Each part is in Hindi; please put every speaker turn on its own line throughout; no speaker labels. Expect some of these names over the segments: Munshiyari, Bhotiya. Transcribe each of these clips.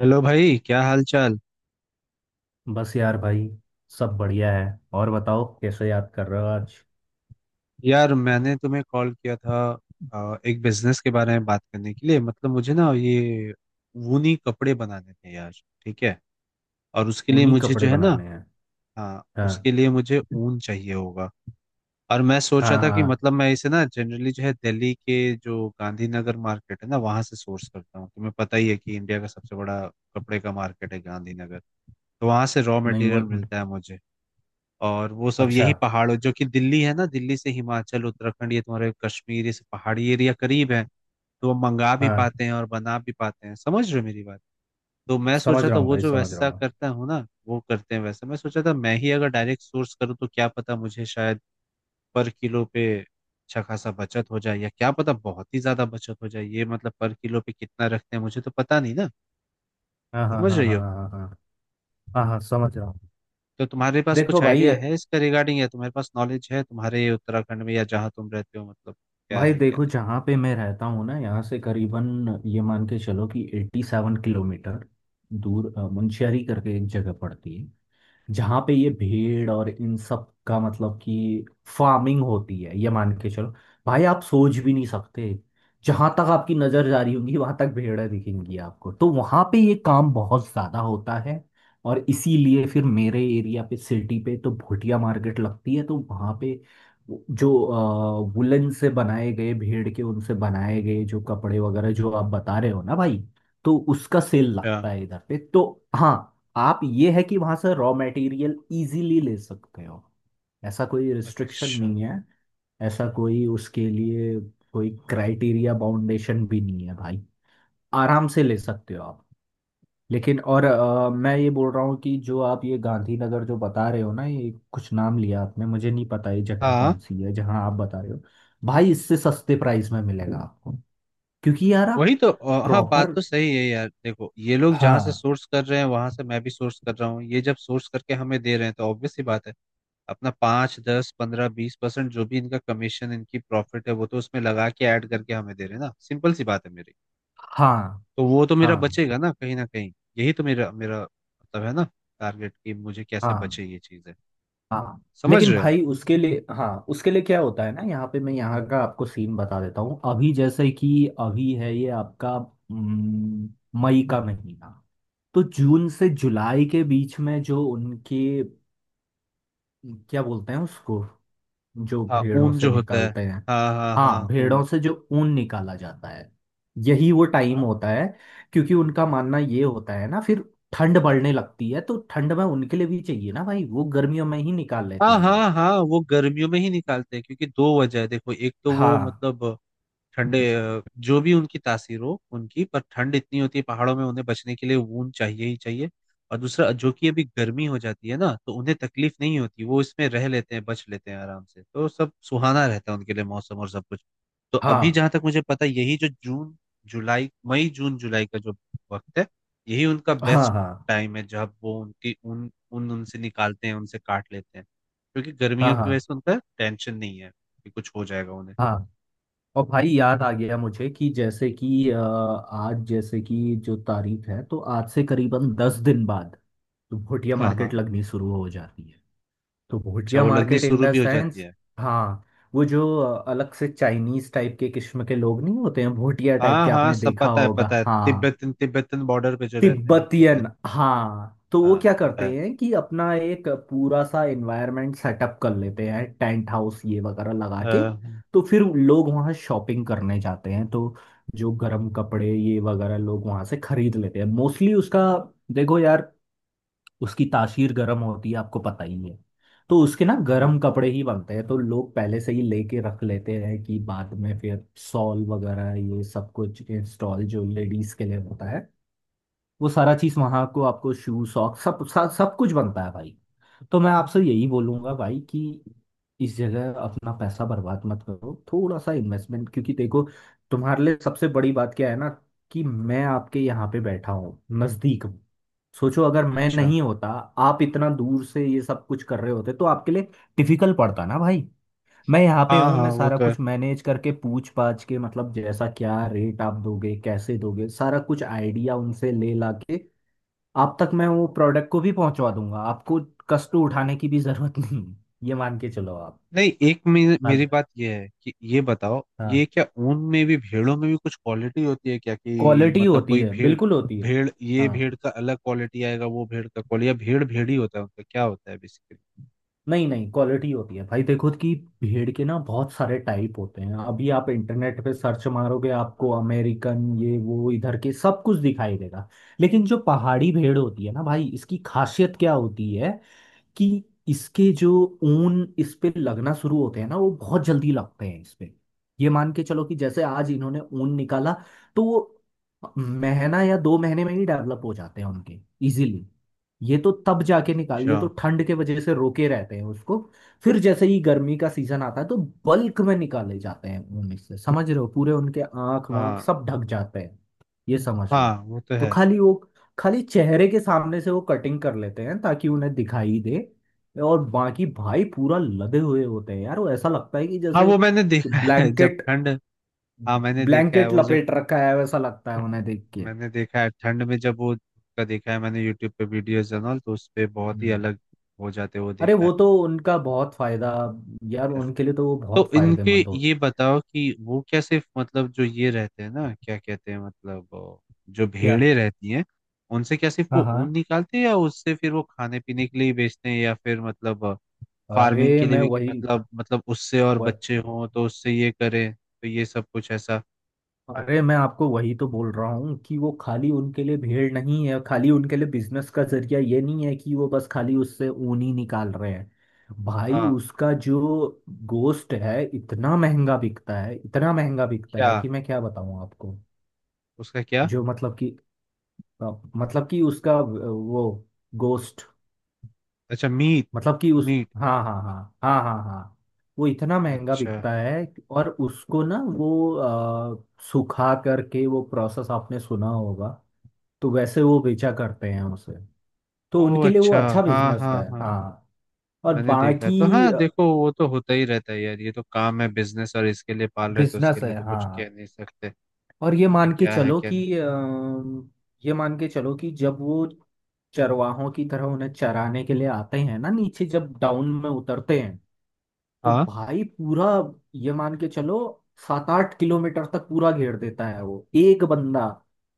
हेलो भाई, क्या हाल चाल।
बस यार भाई। सब बढ़िया है। और बताओ कैसे याद कर रहे हो आज?
यार मैंने तुम्हें कॉल किया था, एक बिजनेस के बारे में बात करने के लिए। मतलब मुझे ना ये ऊनी कपड़े बनाने थे यार। ठीक है। और उसके लिए
ऊनी
मुझे
कपड़े
जो है ना।
बनाने हैं?
हाँ,
हाँ
उसके लिए मुझे ऊन चाहिए होगा। और मैं सोच रहा
हाँ
था कि
हाँ।
मतलब मैं इसे ना जनरली जो है दिल्ली के जो गांधीनगर मार्केट है ना वहां से सोर्स करता हूँ। तुम्हें पता ही है कि इंडिया का सबसे बड़ा कपड़े का मार्केट है गांधीनगर। तो वहां से रॉ
नहीं
मटेरियल
मुझ
मिलता है मुझे। और वो सब
अच्छा।
यही पहाड़ों, जो कि दिल्ली है ना, दिल्ली से हिमाचल, उत्तराखंड, ये तुम्हारे कश्मीर, ये सब पहाड़ी एरिया करीब है। तो वो मंगा भी
हाँ,
पाते हैं और बना भी पाते हैं। समझ रहे हो मेरी बात? तो मैं
समझ
सोचा
रहा
था
हूँ
वो
भाई,
जो
समझ रहा
वैसा
हूँ।
करता हूँ ना वो करते हैं वैसा, मैं सोचा था मैं ही अगर डायरेक्ट सोर्स करूँ तो क्या पता मुझे शायद पर किलो पे अच्छा खासा बचत हो जाए, या क्या पता बहुत ही ज्यादा बचत हो जाए। ये मतलब पर किलो पे कितना रखते हैं मुझे तो पता नहीं ना।
हाँ हाँ
समझ
हाँ
रही
हाँ
हो?
हाँ हाँ। हाँ हाँ समझ रहा हूँ।
तो तुम्हारे पास
देखो
कुछ
भाई।
आइडिया है इसका रिगार्डिंग, या तुम्हारे पास नॉलेज है तुम्हारे उत्तराखंड में या जहाँ तुम रहते हो, मतलब क्या
भाई
है क्या
देखो,
नहीं।
जहाँ पे मैं रहता हूँ ना, यहाँ से करीबन ये मान के चलो कि 87 किलोमीटर दूर मुंशियारी करके एक जगह पड़ती है, जहाँ पे ये भेड़ और इन सब का मतलब कि फार्मिंग होती है, ये मान के चलो। भाई आप सोच भी नहीं सकते, जहां तक आपकी नजर जा रही होगी वहां तक भेड़ें दिखेंगी आपको। तो वहां पे ये काम बहुत ज्यादा होता है, और इसीलिए फिर मेरे एरिया पे, सिटी पे तो भुटिया मार्केट लगती है। तो वहां पे जो वुलन से बनाए गए भेड़ के, उनसे बनाए गए जो कपड़े वगैरह जो आप बता रहे हो ना भाई, तो उसका सेल
अच्छा।
लगता है इधर पे। तो हाँ, आप ये है कि वहां से रॉ मटेरियल इजीली ले सकते हो, ऐसा कोई रिस्ट्रिक्शन
अच्छा।
नहीं है। ऐसा कोई उसके लिए कोई क्राइटेरिया बाउंडेशन भी नहीं है भाई, आराम से ले सकते हो आप। लेकिन और मैं ये बोल रहा हूँ कि जो आप ये गांधीनगर जो बता रहे हो ना, ये कुछ नाम लिया आपने, मुझे नहीं पता ये जगह
हाँ,
कौन सी है जहाँ आप बता रहे हो। भाई इससे सस्ते प्राइस में मिलेगा आपको, क्योंकि यार आप
वही तो। हाँ, बात
प्रॉपर।
तो सही है यार। देखो ये लोग जहाँ से
हाँ
सोर्स कर रहे हैं वहां से मैं भी सोर्स कर रहा हूँ। ये जब सोर्स करके हमें दे रहे हैं तो ऑब्वियस ही बात है, अपना 5 10 15 20% जो भी इनका कमीशन, इनकी प्रॉफिट है, वो तो उसमें लगा के ऐड करके हमें दे रहे हैं ना। सिंपल सी बात है मेरी।
हाँ
तो वो तो मेरा
हाँ
बचेगा ना कहीं ना कहीं। यही तो मेरा मेरा मतलब है ना, टारगेट, कि मुझे कैसे
हाँ
बचे ये चीज।
हाँ।
समझ
लेकिन
रहे हो?
भाई उसके लिए, हाँ उसके लिए क्या होता है ना, यहाँ पे मैं यहाँ का आपको सीन बता देता हूँ। अभी जैसे कि अभी है ये आपका मई का महीना। तो जून से जुलाई के बीच में जो उनके, क्या बोलते हैं उसको, जो
हाँ,
भेड़ों
ऊन
से
जो होता है।
निकालते हैं।
हाँ हाँ हाँ,
हाँ,
ऊन।
भेड़ों से जो ऊन निकाला जाता है, यही वो टाइम
हाँ
होता है। क्योंकि उनका मानना ये होता है ना, फिर ठंड बढ़ने लगती है तो ठंड में उनके लिए भी चाहिए ना भाई, वो गर्मियों में ही निकाल लेते
हाँ
हैं
हाँ
ये।
हाँ, वो गर्मियों में ही निकालते हैं क्योंकि दो वजह है। देखो, एक तो वो
हाँ
मतलब ठंडे, जो भी उनकी तासीर हो उनकी, पर ठंड इतनी होती है पहाड़ों में, उन्हें बचने के लिए ऊन चाहिए ही चाहिए। और दूसरा जो कि अभी गर्मी हो जाती है ना, तो उन्हें तकलीफ नहीं होती, वो इसमें रह लेते हैं, बच लेते हैं आराम से, तो सब सुहाना रहता है उनके लिए, मौसम और सब कुछ। तो अभी
हाँ
जहां तक मुझे पता है यही जो जून जुलाई, मई जून जुलाई का जो वक्त है, यही उनका
हाँ
बेस्ट
हाँ
टाइम है जब वो उनकी ऊन ऊन उनसे निकालते हैं, उनसे काट लेते हैं। क्योंकि
हाँ
गर्मियों की वजह
हाँ
से उनका टेंशन नहीं है कि कुछ हो जाएगा उन्हें।
हाँ। और भाई याद आ गया मुझे कि जैसे कि आज जैसे कि जो तारीख है, तो आज से करीबन 10 दिन बाद तो भोटिया
हाँ
मार्केट
हाँ।
लगनी शुरू हो जाती है। तो
अच्छा,
भोटिया
वो लगनी
मार्केट इन
शुरू
द
भी हो जाती
सेंस,
है?
हाँ, वो जो अलग से चाइनीज टाइप के किस्म के लोग नहीं होते हैं भोटिया टाइप
हाँ
के,
हाँ,
आपने
सब
देखा
पता है
होगा
पता है,
हाँ,
तिब्बतन तिब्बतन बॉर्डर पे जो रहते हैं उनको
तिब्बतियन।
कहते
हाँ, तो
हैं।
वो
हाँ,
क्या
पता
करते
है।
हैं कि अपना एक पूरा सा एनवायरनमेंट सेटअप कर लेते हैं, टेंट हाउस ये वगैरह लगा
अ,
के। तो फिर लोग वहाँ शॉपिंग करने जाते हैं, तो जो गर्म कपड़े ये वगैरह लोग वहाँ से खरीद लेते हैं मोस्टली। उसका देखो यार, उसकी तासीर गर्म होती है आपको पता ही है। तो उसके ना
हम्म,
गर्म कपड़े ही बनते हैं, तो लोग पहले से ही लेके रख लेते हैं कि बाद में फिर शॉल वगैरह ये सब कुछ, इंस्टॉल जो लेडीज के लिए होता है वो सारा चीज वहां को, आपको शू सॉक्स सब सब सब कुछ बनता है भाई। तो मैं आपसे यही बोलूंगा भाई कि इस जगह अपना पैसा बर्बाद मत करो, थोड़ा सा इन्वेस्टमेंट। क्योंकि देखो तुम्हारे लिए सबसे बड़ी बात क्या है ना, कि मैं आपके यहाँ पे बैठा हूँ, नजदीक हूँ। सोचो अगर मैं
अच्छा।
नहीं होता, आप इतना दूर से ये सब कुछ कर रहे होते तो आपके लिए डिफिकल्ट पड़ता ना भाई। मैं यहाँ पे
हाँ
हूँ,
हाँ,
मैं
वो
सारा
तो है।
कुछ मैनेज करके, पूछ पाछ के, मतलब जैसा क्या रेट आप दोगे, कैसे दोगे, सारा कुछ आइडिया उनसे ले ला के आप तक मैं वो प्रोडक्ट को भी पहुंचवा दूंगा। आपको कष्ट उठाने की भी जरूरत नहीं है। ये मान के चलो आप।
नहीं, एक
हाल,
मेरी बात ये है कि ये बताओ, ये
हाँ,
क्या ऊन में भी भेड़ों में भी कुछ क्वालिटी होती है क्या? कि
क्वालिटी
मतलब
होती
कोई
है,
भेड़,
बिल्कुल होती है।
भेड़ ये भेड़
हाँ,
का अलग क्वालिटी आएगा, वो भेड़ का क्वालिटी, या भेड़ भेड़ ही होता है, उनका क्या होता है बेसिकली?
नहीं नहीं, क्वालिटी होती है भाई। देखो कि भेड़ के ना बहुत सारे टाइप होते हैं, अभी आप इंटरनेट पे सर्च मारोगे आपको अमेरिकन ये वो इधर के सब कुछ दिखाई देगा। लेकिन जो पहाड़ी भेड़ होती है ना भाई, इसकी खासियत क्या होती है कि इसके जो ऊन इस पे लगना शुरू होते हैं ना वो बहुत जल्दी लगते हैं इस पे। ये मान के चलो कि जैसे आज इन्होंने ऊन निकाला, तो वो महीना या 2 महीने में ही डेवलप हो जाते हैं उनके, इजीली। ये तो तब जाके
अच्छा।
निकालिए, तो ठंड के वजह से रोके रहते हैं उसको। फिर जैसे ही गर्मी का सीजन आता है तो बल्क में निकाले जाते हैं ऊन, इससे समझ रहे हो पूरे उनके आंख वाँख
हाँ
सब ढक जाते हैं, ये समझ
हाँ,
लो।
वो तो
तो
है।
खाली वो, खाली चेहरे के सामने से वो कटिंग कर लेते हैं ताकि उन्हें दिखाई दे, और बाकी भाई पूरा लदे हुए होते हैं यार। वो ऐसा लगता है कि
हाँ,
जैसे
वो मैंने देखा है जब
ब्लैंकेट,
ठंड, हाँ मैंने देखा है,
ब्लैंकेट
वो जब
लपेट रखा है, वैसा लगता है उन्हें देख के।
मैंने देखा है ठंड में, जब वो का देखा है मैंने यूट्यूब पे वीडियोस जनरल, तो उस पे बहुत ही
हम्म।
अलग हो जाते हैं, वो
अरे
देखा
वो
है
तो उनका बहुत फायदा, यार
ऐसे।
उनके लिए तो वो बहुत
तो इनके
फायदेमंद होते।
ये बताओ कि वो क्या सिर्फ, मतलब जो ये रहते हैं ना क्या कहते हैं मतलब, जो
क्या?
भेड़े रहती हैं, उनसे क्या सिर्फ
हाँ
वो
हाँ।
ऊन निकालते हैं या उससे फिर वो खाने पीने के लिए ही बेचते हैं, या फिर मतलब फार्मिंग
अरे
के लिए
मैं
भी, कि
वही,
मतलब मतलब उससे और
वह,
बच्चे हों तो उससे ये करें, तो ये सब कुछ ऐसा?
अरे मैं आपको वही तो बोल रहा हूँ कि वो खाली उनके लिए भेड़ नहीं है, खाली उनके लिए बिजनेस का जरिया ये नहीं है कि वो बस खाली उससे ऊन ही निकाल रहे हैं। भाई
हाँ।
उसका जो गोश्त है, इतना महंगा बिकता है, इतना महंगा बिकता
क्या?
है कि मैं क्या बताऊँ आपको।
उसका क्या?
जो मतलब कि अ, मतलब कि उसका वो गोश्त,
अच्छा, मीट।
मतलब कि उस,
मीट।
हाँ हाँ हाँ हाँ हाँ हाँ। वो इतना महंगा
अच्छा।
बिकता है और उसको ना वो अ, सुखा करके, वो प्रोसेस आपने सुना होगा, तो वैसे वो बेचा करते हैं उसे। तो
ओह
उनके लिए वो
अच्छा।
अच्छा
हाँ
बिजनेस
हाँ
है,
हाँ,
हाँ। और
मैंने देखा है
बाकी,
तो। हाँ, देखो वो तो होता ही रहता है यार, ये तो काम है, बिजनेस। और इसके लिए पाल रहे तो उसके
बिजनेस है
लिए तो कुछ कह
हाँ।
नहीं सकते,
और ये
उनका
मान के
क्या है
चलो
क्या नहीं।
कि ये मान के चलो कि जब वो चरवाहों की तरह उन्हें चराने के लिए आते हैं ना, नीचे जब डाउन में उतरते हैं, तो
हाँ।
भाई पूरा, ये मान के चलो, 7-8 किलोमीटर तक पूरा घेर देता है वो एक बंदा।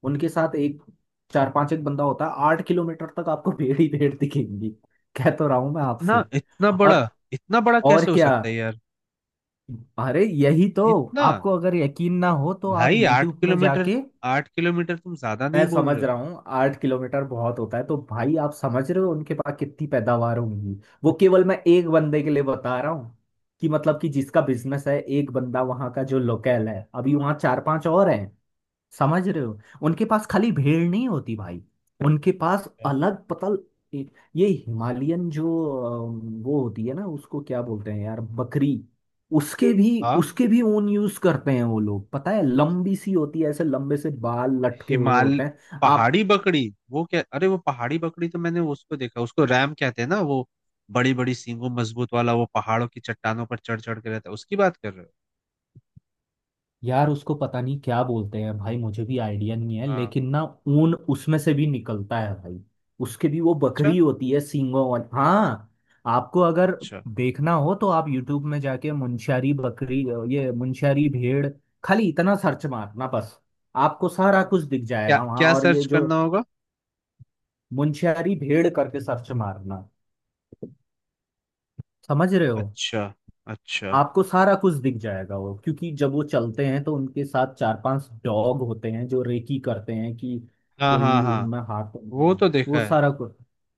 उनके साथ एक, चार पांच, एक बंदा होता है। 8 किलोमीटर तक आपको भेड़ ही भेड़ दिखेंगी। कह तो रहा हूं मैं
इतना
आपसे।
इतना बड़ा,
और
इतना बड़ा
और
कैसे हो
क्या,
सकता है यार?
अरे यही तो।
इतना?
आपको अगर यकीन ना हो तो आप
भाई आठ
YouTube में
किलोमीटर
जाके।
आठ किलोमीटर, तुम ज्यादा
मैं
नहीं बोल
समझ
रहे हो?
रहा हूँ 8 किलोमीटर बहुत होता है, तो भाई आप समझ रहे हो उनके पास कितनी पैदावार होंगी। वो केवल मैं एक बंदे के लिए बता रहा हूँ कि मतलब कि जिसका बिजनेस है, एक बंदा वहाँ का जो लोकल है, अभी वहाँ चार पांच और हैं, समझ रहे हो। उनके पास खाली भेड़ नहीं होती भाई, उनके पास
क्या?
अलग पतल, ये ये हिमालयन जो वो होती है ना, उसको क्या बोलते हैं यार, बकरी। उसके भी,
हाँ।
उसके भी ऊन यूज करते हैं वो लोग। पता है, लंबी सी होती है, ऐसे लंबे से बाल लटके हुए
हिमाल,
होते हैं। आप,
पहाड़ी बकरी। वो क्या, अरे वो पहाड़ी बकरी तो मैंने उसको देखा, उसको रैम कहते हैं ना वो, बड़ी बड़ी सींगों मजबूत वाला, वो पहाड़ों की चट्टानों पर चढ़ चढ़ के रहता है, उसकी बात कर रहे हो?
यार उसको पता नहीं क्या बोलते हैं भाई, मुझे भी आइडिया नहीं है।
हाँ।
लेकिन ना, ऊन उसमें से भी निकलता है भाई, उसके भी, वो
अच्छा।
बकरी होती है सींगों वाली, हाँ। आपको अगर
अच्छा।
देखना हो तो आप यूट्यूब में जाके मुंशियारी बकरी, ये मुंशियारी भेड़, खाली इतना सर्च मारना बस, आपको सारा कुछ दिख
क्या
जाएगा वहां।
क्या
और ये
सर्च
जो
करना होगा?
मुंशियारी भेड़ करके सर्च मारना, समझ रहे हो।
अच्छा। अच्छा।
आपको सारा कुछ दिख जाएगा, वो क्योंकि जब वो चलते हैं तो उनके साथ चार पांच डॉग होते हैं जो रेकी करते हैं कि
हाँ
कोई
हाँ हाँ,
उनमें हाथ तो नहीं
वो
है।
तो देखा
वो
है।
सारा कुछ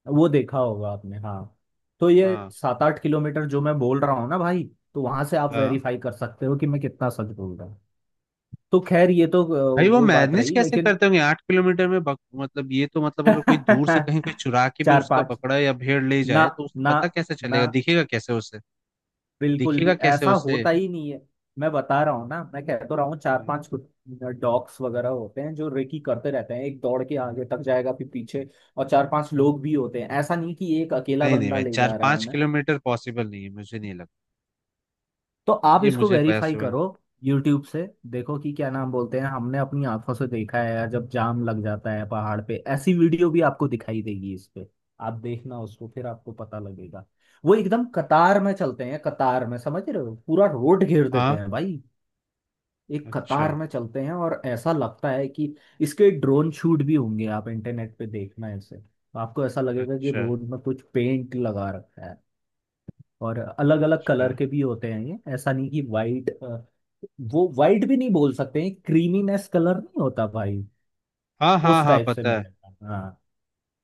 वो देखा होगा आपने, हाँ। तो ये
हाँ।
7-8 किलोमीटर जो मैं बोल रहा हूँ ना भाई, तो वहां से आप
हाँ,
वेरीफाई कर सकते हो कि मैं कितना सच बोल रहा हूँ। तो खैर ये तो
भाई वो
वो बात
मैनेज
रही,
कैसे
लेकिन
करते होंगे 8 किलोमीटर में, मतलब ये तो मतलब अगर कोई दूर से कहीं कोई चुरा के भी
चार
उसका
पांच,
बकरा या भेड़ ले
ना
जाए तो उसे
ना
पता कैसे
ना,
चलेगा, दिखेगा कैसे उसे,
बिल्कुल
दिखेगा
भी
कैसे
ऐसा
उसे?
होता ही नहीं है। मैं बता रहा हूँ ना, मैं कह तो रहा हूँ, चार
हाँ।
पांच डॉग्स वगैरह होते हैं जो रेकी करते रहते हैं, एक दौड़ के आगे तक जाएगा फिर पीछे। और चार पांच लोग भी होते हैं, ऐसा नहीं कि एक अकेला
नहीं नहीं
बंदा
भाई,
ले
चार
जा रहा है
पाँच
उन्हें।
किलोमीटर पॉसिबल नहीं है, मुझे नहीं लगता।
तो आप
ये
इसको
मुझे
वेरीफाई
पता है।
करो यूट्यूब से, देखो कि क्या नाम बोलते हैं। हमने अपनी आंखों से देखा है यार, जब जाम लग जाता है पहाड़ पे ऐसी वीडियो भी आपको दिखाई देगी इस पे, आप देखना उसको, फिर आपको पता लगेगा। वो एकदम कतार में चलते हैं, कतार में, समझ रहे हो, पूरा रोड घेर देते
हाँ।
हैं भाई, एक
अच्छा।
कतार में चलते हैं। और ऐसा लगता है कि इसके ड्रोन शूट भी होंगे, आप इंटरनेट पे देखना ऐसे, तो आपको ऐसा लगेगा कि
अच्छा।
रोड में कुछ पेंट लगा रखा है। और अलग अलग
अच्छा।
कलर के भी होते हैं ये, ऐसा नहीं कि वाइट, वो वाइट भी नहीं बोल सकते हैं, क्रीमीनेस कलर नहीं होता भाई,
हाँ हाँ
उस
हाँ,
टाइप से
पता है।
मिलेगा, हाँ।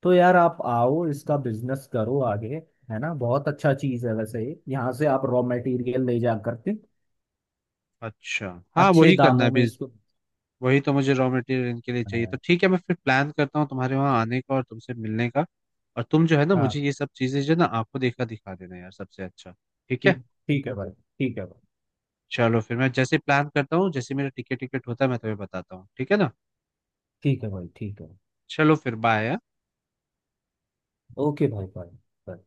तो यार आप आओ, इसका बिजनेस करो आगे, है ना, बहुत अच्छा चीज है वैसे ये। यहाँ से आप रॉ मटेरियल ले जा करके
अच्छा। हाँ,
अच्छे
वही करना है
दामों में
अभी।
इसको।
वही तो, मुझे रॉ मटेरियल इनके लिए चाहिए तो
हाँ।
ठीक है, मैं फिर प्लान करता हूँ तुम्हारे वहाँ आने का और तुमसे मिलने का। और तुम जो है ना
हाँ।
मुझे ये सब चीज़ें जो है ना आपको देखा दिखा देना यार, सबसे अच्छा। ठीक है।
ठीक। ठीक है भाई, ठीक है भाई,
चलो फिर, मैं जैसे प्लान करता हूँ, जैसे मेरा टिकट टिकट होता है, मैं तुम्हें बताता हूँ। ठीक है ना?
ठीक है भाई, ठीक है।
चलो फिर, बाय।
ओके भाई, भाई।